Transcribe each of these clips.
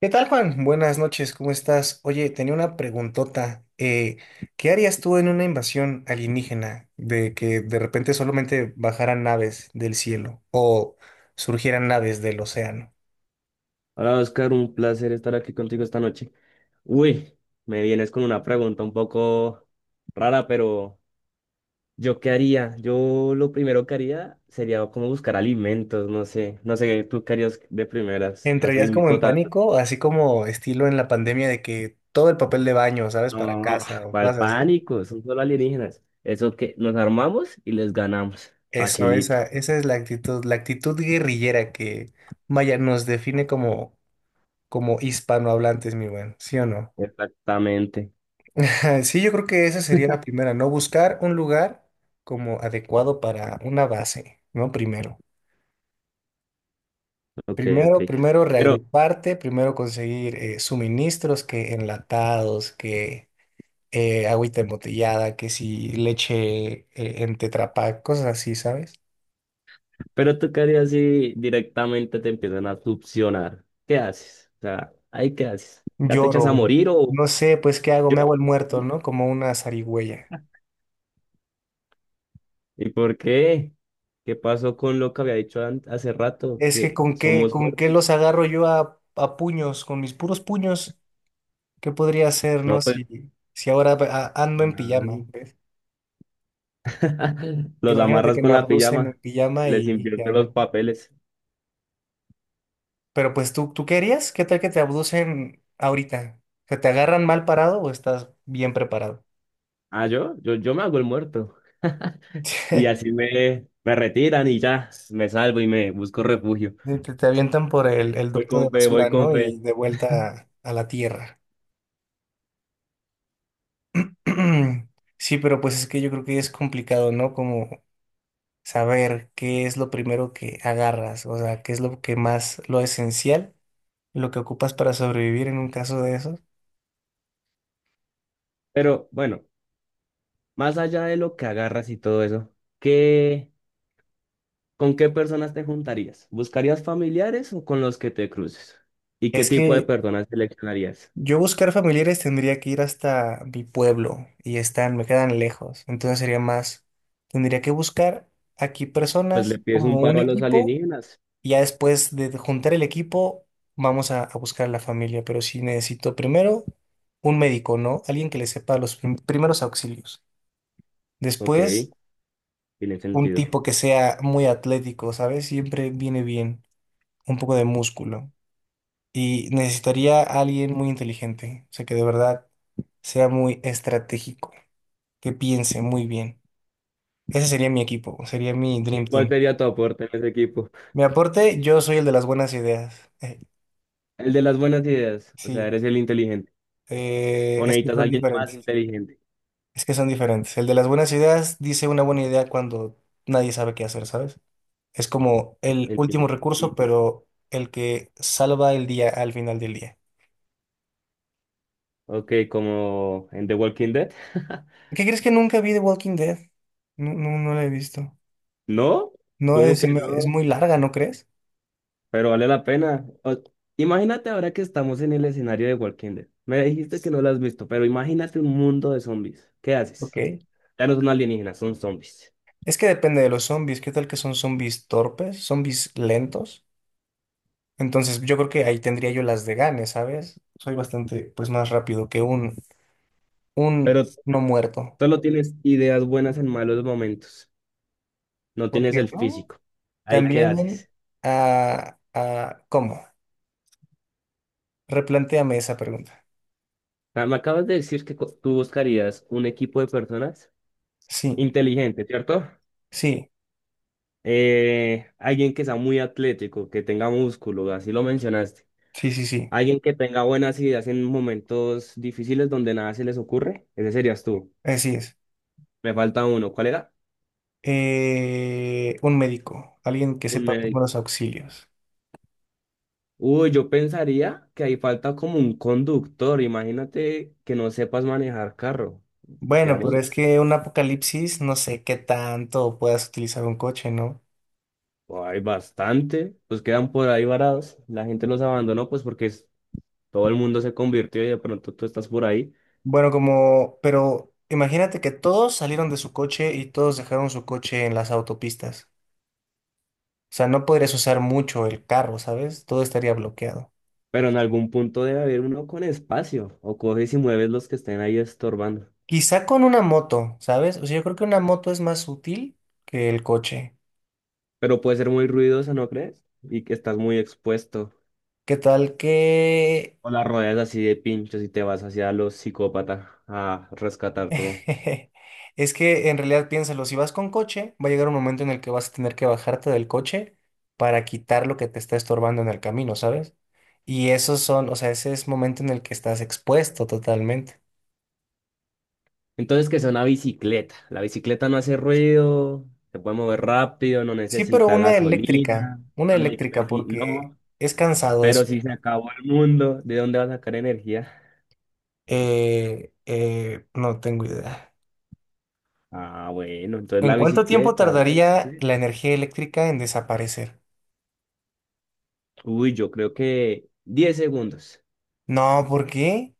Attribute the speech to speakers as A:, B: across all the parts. A: ¿Qué tal, Juan? Buenas noches, ¿cómo estás? Oye, tenía una preguntota. ¿Qué harías tú en una invasión alienígena de que de repente solamente bajaran naves del cielo o surgieran naves del océano?
B: Hola Oscar, un placer estar aquí contigo esta noche. Uy, me vienes con una pregunta un poco rara, pero ¿yo qué haría? Yo lo primero que haría sería como buscar alimentos, no sé, no sé, ¿tú qué harías de primeras? Así
A: ¿Entrarías
B: un
A: como en
B: total,
A: pánico, así como estilo en la pandemia de que todo el papel de baño, ¿sabes? Para
B: no,
A: casa o
B: ¿cuál
A: cosas así.
B: pánico? Son solo alienígenas. Eso que nos armamos y les ganamos,
A: Eso,
B: facilito.
A: esa, esa es la actitud guerrillera que, vaya, nos define como, como hispanohablantes, mi bueno, ¿sí o no?
B: Exactamente,
A: Sí, yo creo que esa sería la primera, ¿no? Buscar un lugar como adecuado para una base, ¿no? Primero.
B: ok, ok.
A: Primero, primero
B: Pero
A: reagruparte, primero conseguir suministros que enlatados, que agüita embotellada, que si leche en Tetra Pak, cosas así, ¿sabes?
B: Pero tú qué harías si directamente te empiezan a succionar. ¿Qué haces? O sea, ahí qué haces. ¿Ya te echas a
A: Lloro.
B: morir o
A: No sé, pues, ¿qué hago? Me hago
B: lloras?
A: el muerto, ¿no? Como una zarigüeya.
B: ¿Y por qué? ¿Qué pasó con lo que había dicho hace rato?
A: Es que
B: Que somos
A: con qué
B: fuertes.
A: los agarro yo a puños, con mis puros puños. ¿Qué podría hacer,
B: No,
A: no?
B: pues
A: Si, si ahora ando en pijama,
B: nada.
A: ¿ves?
B: Los
A: Imagínate
B: amarras
A: que me
B: con la
A: abducen en
B: pijama y
A: pijama
B: les
A: y ¿qué
B: invierte los
A: hago?
B: papeles.
A: Pero pues tú, ¿tú qué harías? ¿Qué tal que te abducen ahorita? ¿Que te agarran mal parado o estás bien preparado?
B: Ah, yo me hago el muerto. Y así me retiran y ya, me salvo y me busco refugio.
A: Te avientan por el
B: Voy
A: ducto de
B: con fe, voy
A: basura,
B: con
A: ¿no? Y
B: fe.
A: de vuelta a la tierra. Sí, pero pues es que yo creo que es complicado, ¿no? Como saber qué es lo primero que agarras, o sea, qué es lo que más, lo esencial, lo que ocupas para sobrevivir en un caso de esos.
B: Pero bueno, más allá de lo que agarras y todo eso, ¿qué, con qué personas te juntarías? ¿Buscarías familiares o con los que te cruces? ¿Y qué
A: Es
B: tipo de
A: que
B: personas seleccionarías?
A: yo buscar familiares tendría que ir hasta mi pueblo y están, me quedan lejos, entonces sería más, tendría que buscar aquí
B: Pues le
A: personas
B: pides
A: como
B: un
A: un
B: paro a los
A: equipo
B: alienígenas.
A: y ya después de juntar el equipo vamos a buscar a la familia, pero sí necesito primero un médico, ¿no? Alguien que le sepa los primeros auxilios.
B: Ok,
A: Después
B: tiene
A: un
B: sentido.
A: tipo que sea muy atlético, ¿sabes? Siempre viene bien un poco de músculo. Y necesitaría a alguien muy inteligente, o sea, que de verdad sea muy estratégico, que piense muy bien. Ese sería mi equipo, sería mi
B: ¿Y
A: Dream
B: cuál
A: Team.
B: sería tu aporte en ese equipo?
A: Mi aporte, yo soy el de las buenas ideas.
B: El de las buenas ideas, o sea,
A: Sí,
B: eres el inteligente. ¿O
A: es que
B: necesitas a
A: son
B: alguien más
A: diferentes.
B: inteligente?
A: Es que son diferentes. El de las buenas ideas dice una buena idea cuando nadie sabe qué hacer, ¿sabes? Es como el último
B: Entiendo. Sí,
A: recurso,
B: sí, sí.
A: pero el que salva el día al final del día.
B: Ok, como en The Walking Dead.
A: ¿Qué crees que nunca vi de Walking Dead? No, no, no la he visto.
B: ¿No?
A: No,
B: ¿Cómo que
A: es
B: no?
A: muy larga, ¿no crees?
B: Pero vale la pena. Imagínate ahora que estamos en el escenario de Walking Dead. Me dijiste que no lo has visto, pero imagínate un mundo de zombies. ¿Qué haces?
A: Ok.
B: Ya no son alienígenas, son zombies.
A: Es que depende de los zombies. ¿Qué tal que son zombies torpes? ¿Zombies lentos? Entonces yo creo que ahí tendría yo las de gane, ¿sabes? Soy bastante, pues, más rápido que un
B: Pero
A: no muerto.
B: solo tienes ideas buenas en malos momentos. No tienes
A: Porque,
B: el
A: ¿no?
B: físico. Ahí, ¿qué
A: También,
B: haces?
A: ¿cómo? Replantéame esa pregunta.
B: Ah, me acabas de decir que tú buscarías un equipo de personas
A: Sí,
B: inteligente, ¿cierto?
A: sí.
B: Alguien que sea muy atlético, que tenga músculo, así lo mencionaste.
A: Sí, sí, sí,
B: Alguien que tenga buenas ideas en momentos difíciles donde nada se les ocurre, ese serías tú.
A: así es.
B: Me falta uno. ¿Cuál era?
A: Un médico, alguien que
B: Un
A: sepa
B: médico.
A: primeros auxilios.
B: Uy, yo pensaría que ahí falta como un conductor. Imagínate que no sepas manejar carro.
A: Bueno,
B: Quedamos,
A: pero es que un apocalipsis, no sé qué tanto puedas utilizar un coche, ¿no?
B: oh, hay bastante, pues quedan por ahí varados. La gente los abandonó, pues porque todo el mundo se convirtió y de pronto tú estás por ahí.
A: Bueno, como, pero imagínate que todos salieron de su coche y todos dejaron su coche en las autopistas. O sea, no podrías usar mucho el carro, ¿sabes? Todo estaría bloqueado.
B: Pero en algún punto debe haber uno con espacio. O coges y mueves los que estén ahí estorbando.
A: Quizá con una moto, ¿sabes? O sea, yo creo que una moto es más útil que el coche.
B: Pero puede ser muy ruidosa, ¿no crees? Y que estás muy expuesto.
A: ¿Qué tal que...
B: O la rodeas así de pinchos y te vas hacia los psicópatas a rescatar todo.
A: Es que en realidad piénsalo, si vas con coche, va a llegar un momento en el que vas a tener que bajarte del coche para quitar lo que te está estorbando en el camino, ¿sabes? Y esos son, o sea, ese es momento en el que estás expuesto totalmente.
B: Entonces, que es una bicicleta. La bicicleta no hace ruido, se puede mover rápido, no
A: Sí, pero
B: necesita gasolina,
A: una
B: no necesita
A: eléctrica,
B: energía,
A: porque
B: no.
A: es cansado
B: Pero
A: eso.
B: si se acabó el mundo, ¿de dónde va a sacar energía?
A: No tengo idea.
B: Ah, bueno, entonces
A: ¿En
B: la
A: cuánto tiempo
B: bicicleta, una
A: tardaría
B: bicicleta.
A: la energía eléctrica en desaparecer?
B: Uy, yo creo que 10 segundos.
A: No, ¿por qué?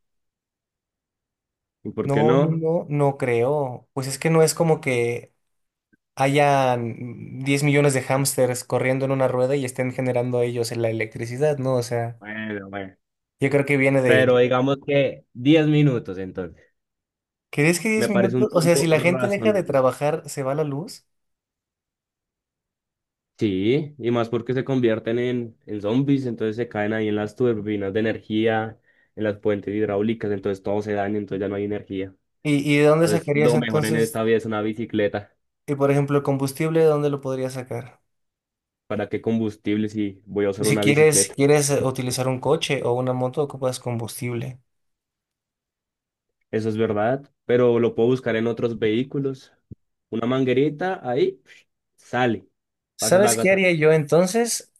B: ¿Y por qué
A: No, no,
B: no?
A: no, no creo. Pues es que no es como que hayan 10 millones de hámsters corriendo en una rueda y estén generando ellos la electricidad, ¿no? O sea,
B: Bueno, bueno.
A: yo creo que viene
B: Pero
A: de...
B: digamos que 10 minutos entonces.
A: ¿Crees que 10
B: Me parece un
A: minutos? O sea, si
B: tiempo
A: la gente deja de
B: razonable.
A: trabajar, ¿se va la luz?
B: Sí, y más porque se convierten en zombies, entonces se caen ahí en las turbinas de energía, en las puentes hidráulicas, entonces todo se daña, entonces ya no hay energía.
A: Y de dónde
B: Entonces,
A: sacarías
B: lo mejor en
A: entonces,
B: esta vida es una bicicleta.
A: y por ejemplo, el combustible, de dónde lo podrías sacar?
B: ¿Para qué combustible si voy a usar
A: Si
B: una
A: quieres,
B: bicicleta?
A: quieres utilizar un coche o una moto, ocupas combustible.
B: Eso es verdad, pero lo puedo buscar en otros vehículos. Una manguerita, ahí sale, paso de
A: ¿Sabes qué haría
B: gasolina.
A: yo entonces?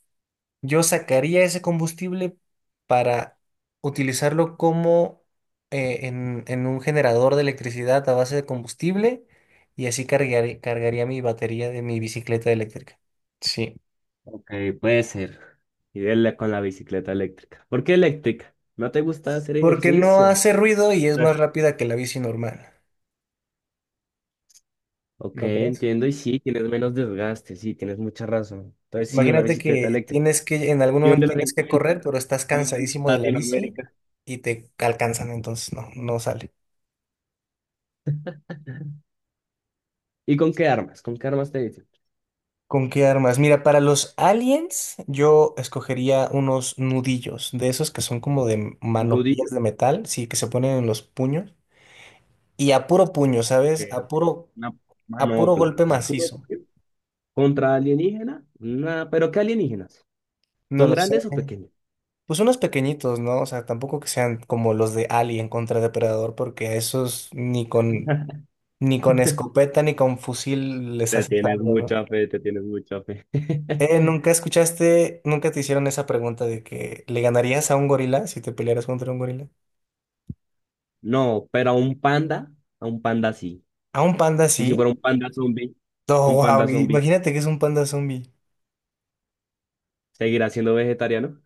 A: Yo sacaría ese combustible para utilizarlo como en un generador de electricidad a base de combustible y así cargaría mi batería de mi bicicleta eléctrica. Sí.
B: Ok, puede ser. Y dele con la bicicleta eléctrica. ¿Por qué eléctrica? ¿No te gusta hacer
A: Porque no
B: ejercicio?
A: hace ruido y es más rápida que la bici normal,
B: Ok,
A: ¿no crees?
B: entiendo. Y sí, tienes menos desgaste, sí, tienes mucha razón. Entonces, sí, una
A: Imagínate
B: bicicleta
A: que
B: eléctrica.
A: tienes que, en algún
B: ¿Y dónde
A: momento
B: las
A: tienes que
B: encuentras?
A: correr, pero estás
B: Estamos en
A: cansadísimo de la bici
B: Latinoamérica.
A: y te alcanzan, entonces no, no sale.
B: ¿Y con qué armas? ¿Con qué armas te dicen?
A: ¿Con qué armas? Mira, para los aliens yo escogería unos nudillos, de esos que son como de
B: Nudillo,
A: manopillas de metal, sí, que se ponen en los puños. Y a puro puño,
B: que
A: ¿sabes?
B: una
A: A puro
B: manopla,
A: golpe
B: a puro
A: macizo.
B: tiro. Contra alienígena, nada, pero ¿qué alienígenas?
A: No
B: ¿Son
A: lo sé.
B: grandes o pequeños?
A: Pues unos pequeñitos, ¿no? O sea, tampoco que sean como los de Alien contra Depredador, porque a esos ni con, ni con escopeta ni con fusil les
B: Te
A: haces
B: tienes
A: algo, ¿no?
B: mucha fe, te tienes mucha fe.
A: ¿Nunca escuchaste, nunca te hicieron esa pregunta de que le ganarías a un gorila si te pelearas contra un gorila?
B: No, pero a un panda sí.
A: ¿A un panda
B: Y
A: sí?
B: si fuera
A: No,
B: un panda
A: wow,
B: zombie,
A: imagínate que es un panda zombie.
B: ¿seguirá siendo vegetariano?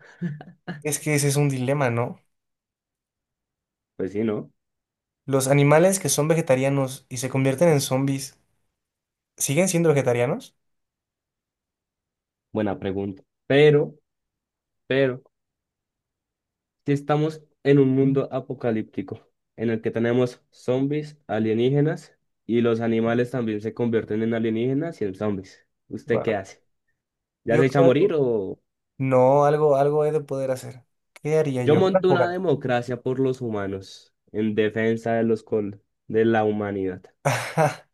A: Es que ese es un dilema, ¿no?
B: Pues sí, ¿no?
A: Los animales que son vegetarianos y se convierten en zombies, ¿siguen siendo vegetarianos?
B: Buena pregunta. Pero si estamos en un mundo apocalíptico en el que tenemos zombies, alienígenas y los animales también se convierten en alienígenas y en zombies, ¿usted qué
A: Wow.
B: hace? ¿Ya
A: Yo
B: se echa a morir
A: creo.
B: o...?
A: No, algo, algo he de poder hacer. ¿Qué haría
B: Yo
A: yo? Una
B: monto una
A: fogata.
B: democracia por los humanos en defensa de los de la humanidad.
A: Ajá.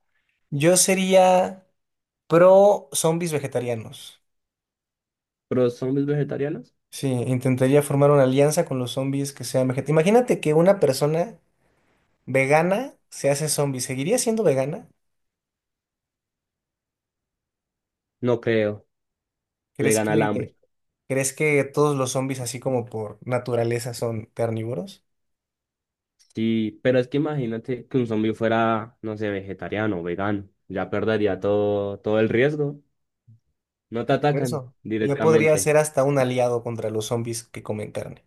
A: Yo sería pro zombies vegetarianos.
B: ¿Pero zombies vegetarianos?
A: Sí, intentaría formar una alianza con los zombies que sean vegetarianos. Imagínate que una persona vegana se hace zombie. ¿Seguiría siendo vegana?
B: No creo. Le
A: ¿Crees
B: gana el
A: que...?
B: hambre.
A: ¿Crees que todos los zombies, así como por naturaleza, son carnívoros?
B: Sí, pero es que imagínate que un zombie fuera, no sé, vegetariano o vegano. Ya perdería todo, todo el riesgo. No te
A: Por
B: atacan
A: eso. Yo podría
B: directamente.
A: ser hasta un aliado contra los zombies que comen carne.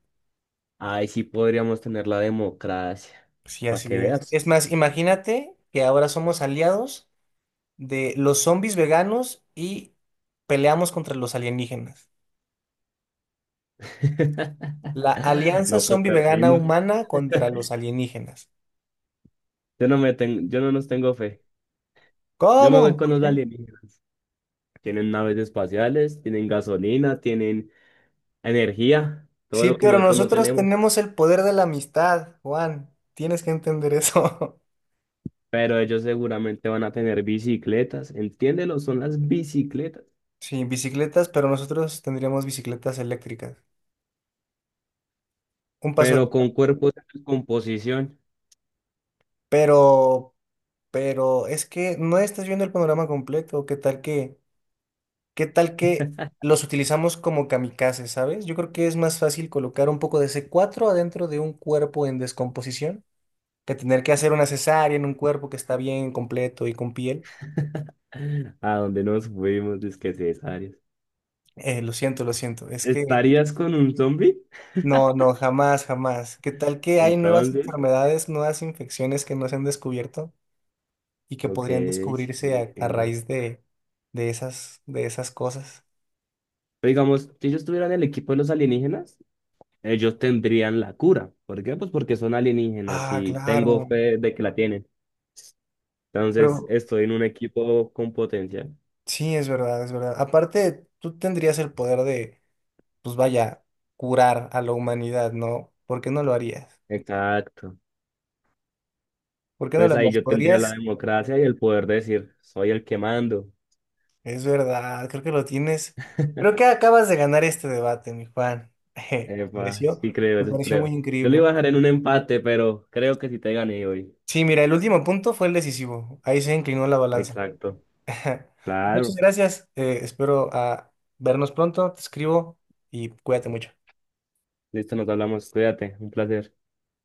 B: Ahí sí podríamos tener la democracia.
A: Sí,
B: Para que
A: así es.
B: veas.
A: Es más, imagínate que ahora somos aliados de los zombies veganos y peleamos contra los alienígenas. La alianza
B: No, pues
A: zombie vegana
B: perdimos.
A: humana contra los alienígenas.
B: Yo no me tengo, yo no nos tengo fe. Yo me voy
A: ¿Cómo?
B: con
A: ¿Por
B: los
A: qué?
B: alienígenas. Tienen naves espaciales, tienen gasolina, tienen energía, todo
A: Sí,
B: lo que
A: pero
B: nosotros no
A: nosotros
B: tenemos.
A: tenemos el poder de la amistad, Juan. Tienes que entender eso.
B: Pero ellos seguramente van a tener bicicletas. Entiéndelo, son las bicicletas.
A: Sí, bicicletas, pero nosotros tendríamos bicicletas eléctricas. Un paso
B: Pero
A: arriba.
B: con cuerpos en descomposición.
A: Pero, pero es que no estás viendo el panorama completo. Qué tal que los utilizamos como kamikazes, ¿sabes? Yo creo que es más fácil colocar un poco de C4 adentro de un cuerpo en descomposición que tener que hacer una cesárea en un cuerpo que está bien completo y con piel.
B: A donde nos fuimos, disque cesáreos.
A: Lo siento, lo siento. Es que
B: ¿Estarías con un zombie?
A: no, no, jamás, jamás. ¿Qué tal que hay nuevas
B: Entonces,
A: enfermedades, nuevas infecciones que no se han descubierto? Y que
B: ok,
A: podrían
B: sí,
A: descubrirse a
B: entiendo.
A: raíz de esas cosas.
B: Pero digamos, si yo estuviera en el equipo de los alienígenas, ellos tendrían la cura. ¿Por qué? Pues porque son alienígenas
A: Ah,
B: y tengo
A: claro.
B: fe de que la tienen. Entonces,
A: Pero
B: estoy en un equipo con potencia.
A: sí, es verdad, es verdad. Aparte, tú tendrías el poder de, pues vaya, curar a la humanidad, ¿no? ¿Por qué no lo harías?
B: Exacto.
A: ¿Por qué no lo
B: Entonces ahí
A: harías?
B: yo tendría la
A: ¿Podrías?
B: democracia y el poder de decir, soy el que mando.
A: Es verdad, creo que lo tienes. Creo que acabas de ganar este debate, mi Juan. Me
B: Epa,
A: pareció,
B: sí creo,
A: me
B: sí
A: pareció muy
B: creo. Yo lo
A: increíble.
B: iba a dejar en un empate, pero creo que sí te gané hoy.
A: Sí, mira, el último punto fue el decisivo. Ahí se inclinó la balanza.
B: Exacto.
A: Muchas
B: Claro.
A: gracias. Espero vernos pronto. Te escribo y cuídate mucho.
B: Listo, nos hablamos. Cuídate. Un placer.